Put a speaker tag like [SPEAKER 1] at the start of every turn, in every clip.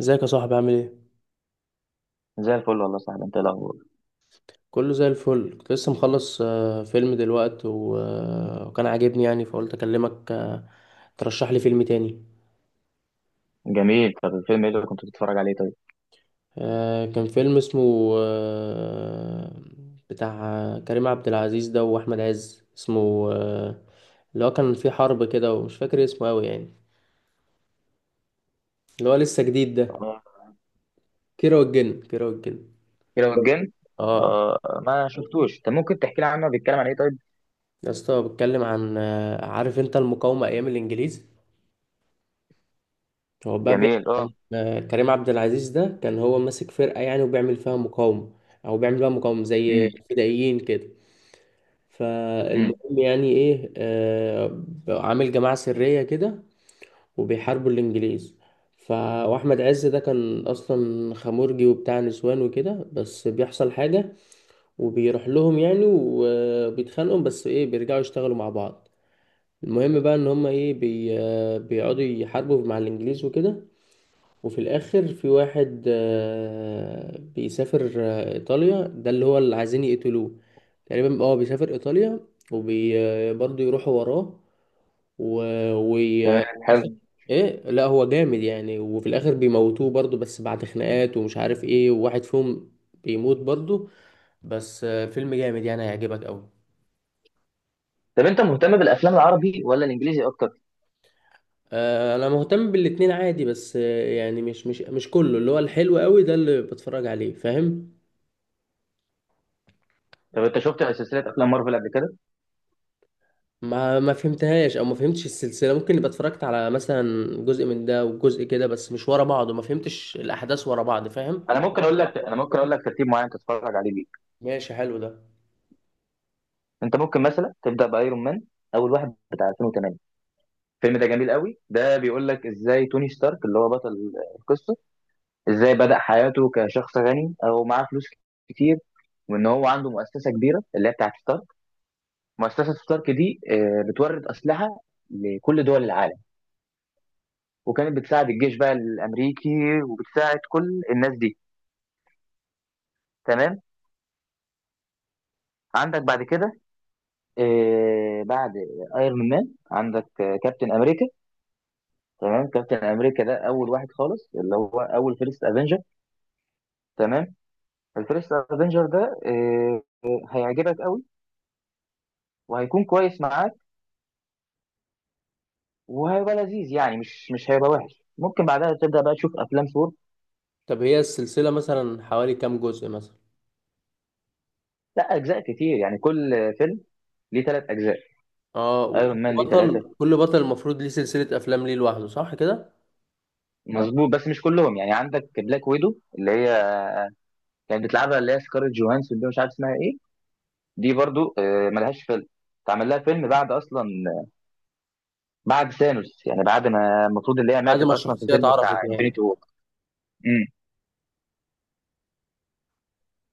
[SPEAKER 1] ازيك يا صاحبي؟ عامل ايه؟
[SPEAKER 2] زي الفل والله يا صاحبي. انت ايه الاخبار؟
[SPEAKER 1] كله زي الفل. كنت لسه مخلص فيلم دلوقتي وكان عاجبني يعني، فقلت اكلمك ترشح لي فيلم تاني.
[SPEAKER 2] جميل. طب الفيلم ايه اللي كنت بتتفرج عليه طيب؟
[SPEAKER 1] كان فيلم اسمه بتاع كريم عبد العزيز ده واحمد عز، اسمه اللي هو كان فيه حرب كده، ومش فاكر اسمه قوي يعني، اللي هو لسه جديد ده.
[SPEAKER 2] اه
[SPEAKER 1] كيرة والجن، كيرة والجن.
[SPEAKER 2] كده والجن.
[SPEAKER 1] اه.
[SPEAKER 2] اه. ما شفتوش. طب ممكن تحكي لي عنه؟ بيتكلم عن ايه طيب؟
[SPEAKER 1] يا اسطى، بتكلم عن عارف انت المقاومة ايام الانجليز. هو بقى بيحكي
[SPEAKER 2] جميل. اه.
[SPEAKER 1] عن كريم عبد العزيز ده كان هو ماسك فرقة يعني، وبيعمل فيها مقاومة، أو بيعمل فيها مقاومة زي
[SPEAKER 2] امم.
[SPEAKER 1] فدائيين كده.
[SPEAKER 2] امم.
[SPEAKER 1] فالمهم يعني إيه، عامل جماعة سرية كده، وبيحاربوا الإنجليز. ف... وأحمد عز ده كان أصلا خمورجي وبتاع نسوان وكده، بس بيحصل حاجة وبيروح لهم يعني، وبيتخانقوا، بس إيه، بيرجعوا يشتغلوا مع بعض. المهم بقى إن هما إيه، بي... آه، بيقعدوا يحاربوا مع الإنجليز وكده. وفي الاخر في واحد بيسافر، ايطاليا ده اللي هو اللي عايزين يقتلوه تقريبا. اه، بيسافر ايطاليا، وبرضه يروحوا وراه. و... وي...
[SPEAKER 2] تمام.
[SPEAKER 1] آه،
[SPEAKER 2] حلو.
[SPEAKER 1] ايه، لا هو جامد يعني، وفي الاخر بيموتوه برضه، بس بعد خناقات ومش عارف ايه، وواحد فيهم بيموت برضه. بس فيلم جامد يعني، هيعجبك قوي.
[SPEAKER 2] طب انت مهتم بالافلام العربي ولا الانجليزي اكتر؟
[SPEAKER 1] انا مهتم بالاتنين عادي، بس يعني مش كله، اللي هو الحلو قوي ده اللي بتفرج عليه، فاهم؟
[SPEAKER 2] طب انت شفت سلسله افلام مارفل قبل كده؟
[SPEAKER 1] ما فهمتهاش، او ما فهمتش السلسله، ممكن يبقى اتفرجت على مثلا جزء من ده وجزء كده، بس مش ورا بعض، وما فهمتش الاحداث ورا بعض، فاهم؟
[SPEAKER 2] انا ممكن اقول لك ترتيب معين تتفرج عليه بيه.
[SPEAKER 1] ماشي، حلو ده.
[SPEAKER 2] انت ممكن مثلا تبدا بايرون مان، اول واحد بتاع 2008. الفيلم ده جميل قوي، ده بيقول لك ازاي توني ستارك اللي هو بطل القصه، ازاي بدأ حياته كشخص غني او معاه فلوس كتير، وان هو عنده مؤسسه كبيره اللي هي بتاعت ستارك. مؤسسه ستارك دي بتورد اسلحه لكل دول العالم، وكانت بتساعد الجيش بقى الامريكي، وبتساعد كل الناس دي. تمام. عندك بعد كده بعد ايرون مان عندك كابتن امريكا. تمام. كابتن امريكا ده اول واحد خالص، اللي هو اول فيرست افنجر. تمام. الفيرست افنجر ده هيعجبك قوي، وهيكون كويس معاك، وهيبقى لذيذ، يعني مش هيبقى وحش. ممكن بعدها تبدا بقى تشوف افلام ثور.
[SPEAKER 1] طب هي السلسله مثلا حوالي كام جزء مثلا؟
[SPEAKER 2] لا، اجزاء كتير. يعني كل فيلم ليه ثلاث اجزاء.
[SPEAKER 1] اه، وكل
[SPEAKER 2] ايرون مان ليه ثلاثه.
[SPEAKER 1] بطل كل بطل المفروض ليه سلسله افلام، ليه لوحده، صح كده؟
[SPEAKER 2] مظبوط، بس مش كلهم. يعني عندك بلاك ويدو اللي هي كانت بتلعبها، اللي هي سكارلت جوهانسون دي مش عارف اسمها ايه، دي برضو ملهاش فيلم. اتعمل لها فيلم بعد اصلا، بعد ثانوس، يعني بعد ما المفروض اللي هي
[SPEAKER 1] بعد
[SPEAKER 2] ماتت
[SPEAKER 1] ما
[SPEAKER 2] اصلا في
[SPEAKER 1] الشخصيه
[SPEAKER 2] الفيلم بتاع
[SPEAKER 1] اتعرفت يعني.
[SPEAKER 2] انفينيتي وور. امم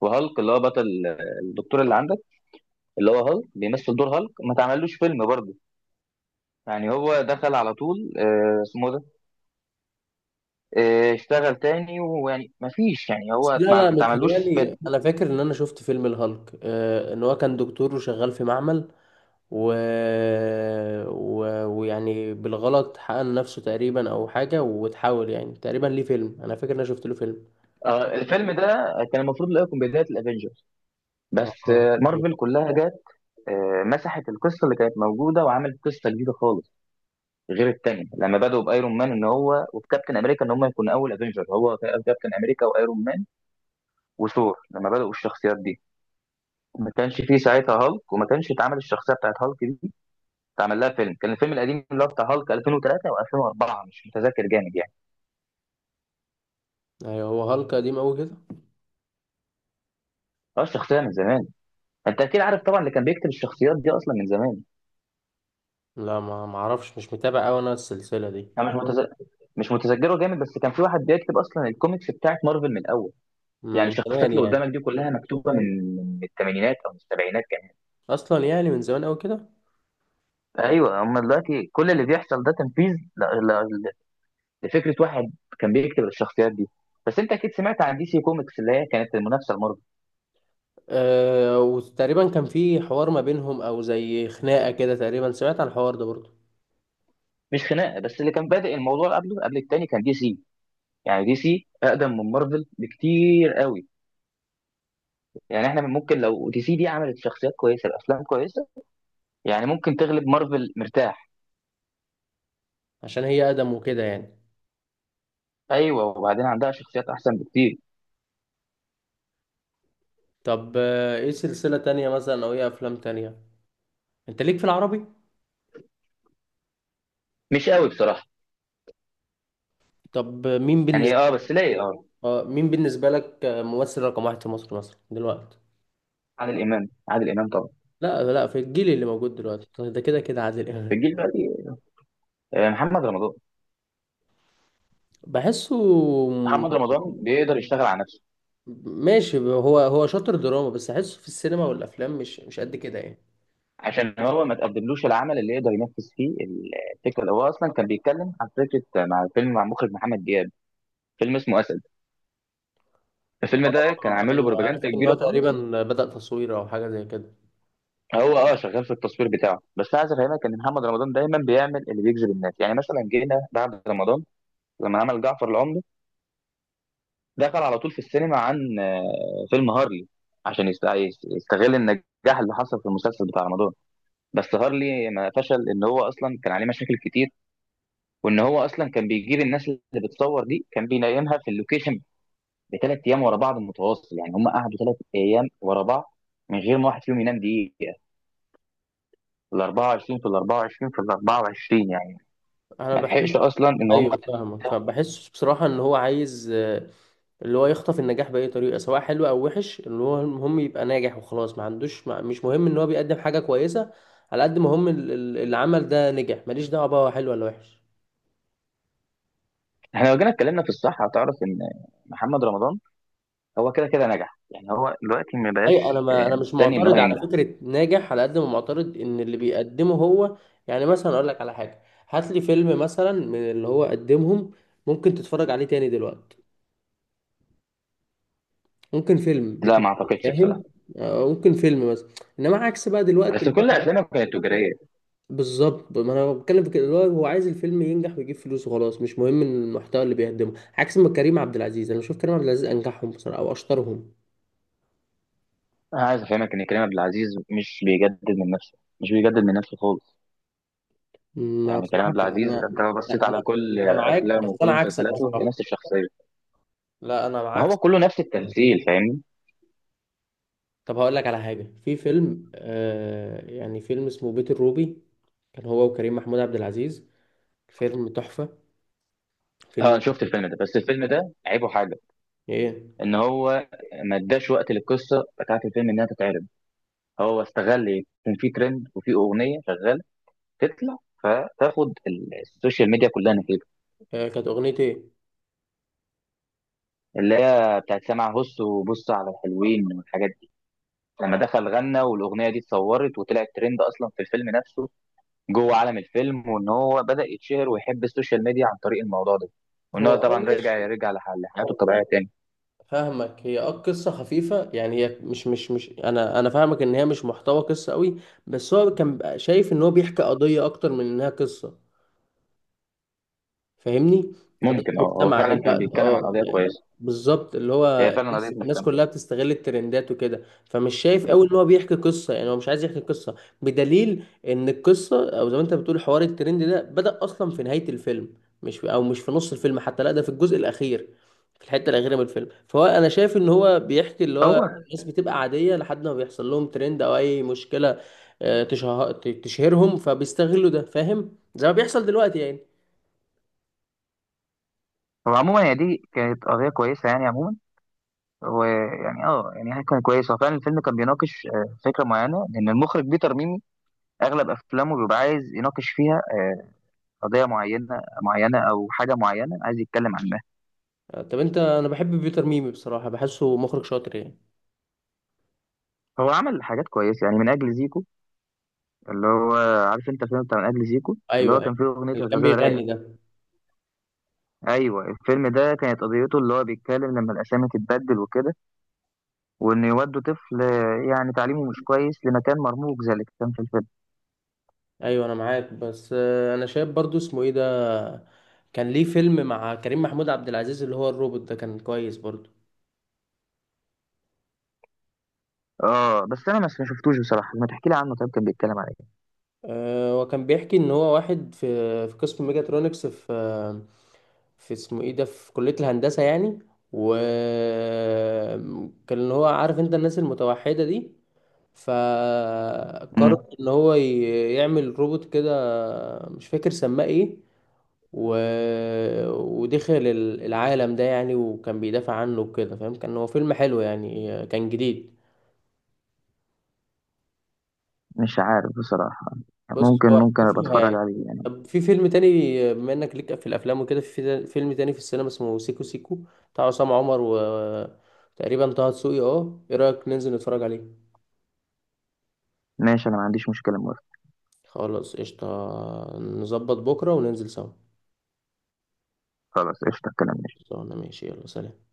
[SPEAKER 2] وهالك اللي هو بطل، الدكتور اللي عندك، اللي هو هالك بيمثل دور هالك، ما تعملوش فيلم برضه. يعني هو دخل على طول اسمه اشتغل تاني، ويعني ما فيش، يعني
[SPEAKER 1] بس
[SPEAKER 2] هو
[SPEAKER 1] لا
[SPEAKER 2] ما
[SPEAKER 1] لا،
[SPEAKER 2] ما اتعملوش
[SPEAKER 1] متهيالي
[SPEAKER 2] فيلم.
[SPEAKER 1] انا فاكر ان انا شفت فيلم الهالك، آه، ان هو كان دكتور وشغال في معمل، و... ويعني بالغلط حقن نفسه تقريبا او حاجه، وتحاول يعني، تقريبا ليه فيلم، انا فاكر ان انا شفت له فيلم.
[SPEAKER 2] الفيلم ده كان المفروض اللي هو يكون بداية الافينجرز،
[SPEAKER 1] اه.
[SPEAKER 2] بس
[SPEAKER 1] ايوه
[SPEAKER 2] مارفل كلها جت مسحت القصة اللي كانت موجودة وعملت قصة جديدة خالص، غير التانية. لما بدأوا بايرون مان ان هو وكابتن امريكا ان هم يكونوا اول افنجر، هو كابتن امريكا وايرون مان وثور، لما بدأوا الشخصيات دي ما كانش فيه ساعتها هالك، وما كانش اتعمل الشخصية بتاعت هالك دي، اتعمل لها فيلم. كان الفيلم القديم اللي هو بتاع هالك 2003 و2004، مش متذكر جامد يعني.
[SPEAKER 1] ايوه، هو هالك قديم قوي كده.
[SPEAKER 2] اه، الشخصية من زمان. انت اكيد عارف طبعا اللي كان بيكتب الشخصيات دي اصلا من زمان.
[SPEAKER 1] لا، ما اعرفش، مش متابع قوي انا السلسله دي.
[SPEAKER 2] انا مش متذكره جامد، بس كان في واحد بيكتب اصلا الكوميكس بتاعت مارفل من الاول. يعني
[SPEAKER 1] من
[SPEAKER 2] الشخصيات
[SPEAKER 1] زمان
[SPEAKER 2] اللي
[SPEAKER 1] يعني.
[SPEAKER 2] قدامك دي كلها مكتوبه من الثمانينات او من السبعينات كمان.
[SPEAKER 1] اصلا يعني من زمان قوي كده.
[SPEAKER 2] ايوه، هم دلوقتي كل اللي بيحصل ده تنفيذ ل... ل... لفكره واحد كان بيكتب الشخصيات دي. بس انت اكيد سمعت عن دي سي كوميكس اللي هي كانت المنافسه لمارفل.
[SPEAKER 1] أه، وتقريبا كان في حوار ما بينهم او زي خناقه كده تقريبا، سمعت عن الحوار ده برضه.
[SPEAKER 2] مش خناقه، بس اللي كان بادئ الموضوع قبله قبل التاني كان دي سي. يعني دي سي اقدم من مارفل بكتير قوي. يعني احنا ممكن لو دي سي دي عملت شخصيات كويسه بافلام كويسه، يعني ممكن تغلب مارفل مرتاح.
[SPEAKER 1] عشان هي اقدم وكده يعني.
[SPEAKER 2] ايوه، وبعدين عندها شخصيات احسن بكتير.
[SPEAKER 1] طب ايه سلسله تانية مثلا، او ايه افلام تانية انت ليك في العربي؟
[SPEAKER 2] مش قوي بصراحه.
[SPEAKER 1] طب مين
[SPEAKER 2] يعني
[SPEAKER 1] بالنسبه؟
[SPEAKER 2] اه، بس ليه اه.
[SPEAKER 1] اه، مين بالنسبة لك ممثل رقم واحد في مصر مثلا دلوقتي؟
[SPEAKER 2] عادل امام. عادل امام طبعا.
[SPEAKER 1] لا لا، في الجيل اللي موجود دلوقتي طيب، ده كده كده عادل
[SPEAKER 2] في
[SPEAKER 1] إمام.
[SPEAKER 2] الجيل بقى، محمد رمضان.
[SPEAKER 1] بحسه م-
[SPEAKER 2] محمد رمضان بيقدر يشتغل على نفسه.
[SPEAKER 1] ماشي، هو هو شاطر دراما، بس أحسه في السينما والأفلام مش قد كده يعني.
[SPEAKER 2] عشان هو ما تقدملوش العمل اللي يقدر ينفذ فيه الفكره، اللي هو اصلا كان بيتكلم عن فكره مع فيلم مع مخرج محمد دياب، فيلم اسمه اسد. الفيلم ده كان
[SPEAKER 1] اه
[SPEAKER 2] عامل له
[SPEAKER 1] أيوه، عرفت
[SPEAKER 2] بروباجندا
[SPEAKER 1] إن هو
[SPEAKER 2] كبيره خالص.
[SPEAKER 1] تقريبا بدأ تصوير أو حاجة زي كده.
[SPEAKER 2] هو اه شغال في التصوير بتاعه. بس عايز افهمك ان محمد رمضان دايما بيعمل اللي بيجذب الناس. يعني مثلا جينا بعد رمضان لما عمل جعفر العمدة، دخل على طول في السينما عن فيلم هارلي، عشان يستغل النجاح اللي حصل في المسلسل بتاع رمضان. بس هارلي ما فشل ان هو اصلا كان عليه مشاكل كتير، وان هو اصلا كان بيجيب الناس اللي بتصور دي كان بينيمها في اللوكيشن بثلاث ايام ورا بعض متواصل. يعني هم قعدوا ثلاث ايام ورا بعض من غير ما واحد فيهم ينام دقيقه، في ال 24، في ال 24، في ال 24 يعني،
[SPEAKER 1] أنا
[SPEAKER 2] ما
[SPEAKER 1] بحس.
[SPEAKER 2] لحقش اصلا ان هم.
[SPEAKER 1] أيوه فاهمك، فبحسه بصراحة إن هو عايز اللي هو يخطف النجاح بأي طريقة، سواء حلو أو وحش، اللي هو المهم يبقى ناجح وخلاص، ما عندوش، ما مش مهم إن هو بيقدم حاجة كويسة، على قد ما هم العمل ده نجح، ماليش دعوة بقى هو حلو ولا وحش.
[SPEAKER 2] احنا لو جينا اتكلمنا في الصحه هتعرف ان محمد رمضان هو كده كده نجح. يعني هو دلوقتي ما
[SPEAKER 1] أيوة
[SPEAKER 2] بقاش
[SPEAKER 1] أنا، ما أنا مش
[SPEAKER 2] مستني ان هو
[SPEAKER 1] معترض على
[SPEAKER 2] ينجح.
[SPEAKER 1] فكرة ناجح، على قد ما معترض إن اللي بيقدمه هو، يعني مثلا أقول لك على حاجة، هات لي فيلم مثلا من اللي هو قدمهم ممكن تتفرج عليه تاني دلوقتي، ممكن فيلم
[SPEAKER 2] لا،
[SPEAKER 1] اتنين،
[SPEAKER 2] ما اعتقدش بصراحه.
[SPEAKER 1] فاهم؟ ممكن فيلم مثلا، انما عكس بقى دلوقتي.
[SPEAKER 2] بس كل افلامه كانت تجاريه.
[SPEAKER 1] بالظبط، ما انا بتكلم في كده، اللي هو هو عايز الفيلم ينجح ويجيب فلوس وخلاص، مش مهم المحتوى اللي بيقدمه. عكس ما كريم عبد العزيز، انا بشوف كريم عبد العزيز انجحهم بصراحه، او اشطرهم.
[SPEAKER 2] انا عايز افهمك ان كريم عبد العزيز مش بيجدد من نفسه، مش بيجدد من نفسه خالص.
[SPEAKER 1] ما
[SPEAKER 2] يعني كريم
[SPEAKER 1] بصراحه
[SPEAKER 2] عبد العزيز
[SPEAKER 1] انا،
[SPEAKER 2] انت لو بصيت
[SPEAKER 1] لا، انا
[SPEAKER 2] على كل
[SPEAKER 1] انا معاك،
[SPEAKER 2] افلامه
[SPEAKER 1] بس
[SPEAKER 2] وكل
[SPEAKER 1] انا عكسك
[SPEAKER 2] مسلسلاته هي
[SPEAKER 1] بصراحه.
[SPEAKER 2] نفس الشخصيه.
[SPEAKER 1] لا انا
[SPEAKER 2] ما هو
[SPEAKER 1] عكسك.
[SPEAKER 2] كله نفس التمثيل فاهمني.
[SPEAKER 1] طب هقول لك على حاجه، في فيلم آه يعني، فيلم اسمه بيت الروبي، كان هو وكريم محمود عبد العزيز. فيلم تحفه.
[SPEAKER 2] اه، انا
[SPEAKER 1] فيلم.
[SPEAKER 2] شفت الفيلم ده. بس الفيلم ده عيبه حاجه،
[SPEAKER 1] ايه؟
[SPEAKER 2] ان هو ما اداش وقت للقصه بتاعت الفيلم انها تتعرض. هو استغل ايه، كان في ترند وفي اغنيه شغاله تطلع فتاخد السوشيال ميديا كلها نتيجه،
[SPEAKER 1] آه، كانت اغنيه ايه؟
[SPEAKER 2] اللي هي بتاعت سامع هص وبص على الحلوين والحاجات دي. لما دخل غنى والاغنيه دي اتصورت وطلعت ترند اصلا في الفيلم نفسه، جوه عالم الفيلم، وان هو بدا يتشهر ويحب السوشيال ميديا عن طريق الموضوع ده. وان
[SPEAKER 1] هو
[SPEAKER 2] هو
[SPEAKER 1] اه
[SPEAKER 2] طبعا رجع
[SPEAKER 1] ماشي،
[SPEAKER 2] يرجع لحياته الطبيعيه تاني.
[SPEAKER 1] فاهمك. هي اه قصة خفيفة يعني، هي مش انا، فاهمك ان هي مش محتوى قصة قوي، بس هو كان بقى شايف ان هو بيحكي قضية اكتر من انها قصة، فاهمني؟ قضية
[SPEAKER 2] ممكن اه، هو
[SPEAKER 1] مجتمع
[SPEAKER 2] فعلا كان
[SPEAKER 1] دلوقتي
[SPEAKER 2] بيتكلم عن
[SPEAKER 1] اه
[SPEAKER 2] قضيه
[SPEAKER 1] يعني،
[SPEAKER 2] كويسه.
[SPEAKER 1] بالظبط، اللي
[SPEAKER 2] هي
[SPEAKER 1] هو
[SPEAKER 2] فعلا قضيه
[SPEAKER 1] الناس
[SPEAKER 2] مهتمه.
[SPEAKER 1] كلها بتستغل الترندات وكده، فمش شايف قوي ان هو بيحكي قصة، يعني هو مش عايز يحكي قصة، بدليل ان القصة، او زي ما انت بتقول حوار الترند ده، بدأ اصلا في نهاية الفيلم، مش في نص الفيلم حتى، لا ده في الجزء الاخير، في الحتة الاخيرة من الفيلم. فهو انا شايف ان هو بيحكي اللي هو
[SPEAKER 2] هو
[SPEAKER 1] الناس بتبقى عادية لحد ما بيحصل لهم ترند او اي مشكلة آه، تشه- تشهرهم، فبيستغلوا ده، فاهم؟ زي ما بيحصل دلوقتي يعني.
[SPEAKER 2] هو عموما هي دي كانت قضيه كويسه يعني عموما. ويعني اه يعني هي كان كويس. هو فعلا الفيلم كان بيناقش فكره معينه، لان المخرج بيتر ميمي اغلب افلامه بيبقى عايز يناقش فيها قضية معينة معينة أو حاجة معينة عايز يتكلم عنها.
[SPEAKER 1] طب انت، انا بحب بيتر ميمي بصراحه، بحسه مخرج شاطر يعني.
[SPEAKER 2] هو عمل حاجات كويسة يعني، من أجل زيكو، اللي هو عارف أنت الفيلم بتاع من أجل زيكو اللي
[SPEAKER 1] ايوه
[SPEAKER 2] هو
[SPEAKER 1] ايوه،
[SPEAKER 2] كان فيه أغنية
[SPEAKER 1] اللي كان
[SPEAKER 2] الغزالة
[SPEAKER 1] بيغني
[SPEAKER 2] رايقة.
[SPEAKER 1] ده.
[SPEAKER 2] أيوة، الفيلم ده كانت قضيته اللي هو بيتكلم لما الأسامي تتبدل وكده، وإن يودوا طفل يعني تعليمه مش كويس لمكان مرموق زي اللي كان في الفيلم.
[SPEAKER 1] ايوه انا معاك، بس انا شايف برضو اسمه ايه ده، كان ليه فيلم مع كريم محمود عبد العزيز اللي هو الروبوت ده، كان كويس برضو.
[SPEAKER 2] آه، بس أنا ما شفتوش بصراحة. ما تحكي لي عنه طيب، كان بيتكلم على إيه؟
[SPEAKER 1] وكان بيحكي ان هو واحد في، في قسم ميجاترونكس في في اسمه ايه ده، في كلية الهندسة يعني، وكان اللي هو عارف انت الناس المتوحدة دي،
[SPEAKER 2] مم.
[SPEAKER 1] فقرر ان هو يعمل روبوت كده، مش فاكر سماه ايه، و... ودخل العالم ده يعني، وكان بيدافع عنه وكده، فاهم؟ كان هو فيلم حلو يعني، كان جديد.
[SPEAKER 2] مش عارف بصراحة.
[SPEAKER 1] بص
[SPEAKER 2] ممكن
[SPEAKER 1] هو
[SPEAKER 2] ممكن أبقى
[SPEAKER 1] شوفها
[SPEAKER 2] أتفرج
[SPEAKER 1] يعني.
[SPEAKER 2] عليه يعني.
[SPEAKER 1] طب في فيلم تاني، بما انك ليك في الافلام وكده، في فيلم تاني في السينما اسمه سيكو سيكو، بتاع عصام عمر وتقريبا طه دسوقي، اه ايه رايك ننزل نتفرج عليه؟
[SPEAKER 2] ماشي، أنا ما عنديش مشكلة، موافق.
[SPEAKER 1] خلاص قشطة، نظبط بكرة وننزل سوا.
[SPEAKER 2] خلاص قشطة. الكلام ماشي.
[SPEAKER 1] خلصانة، ماشي يلا سلام.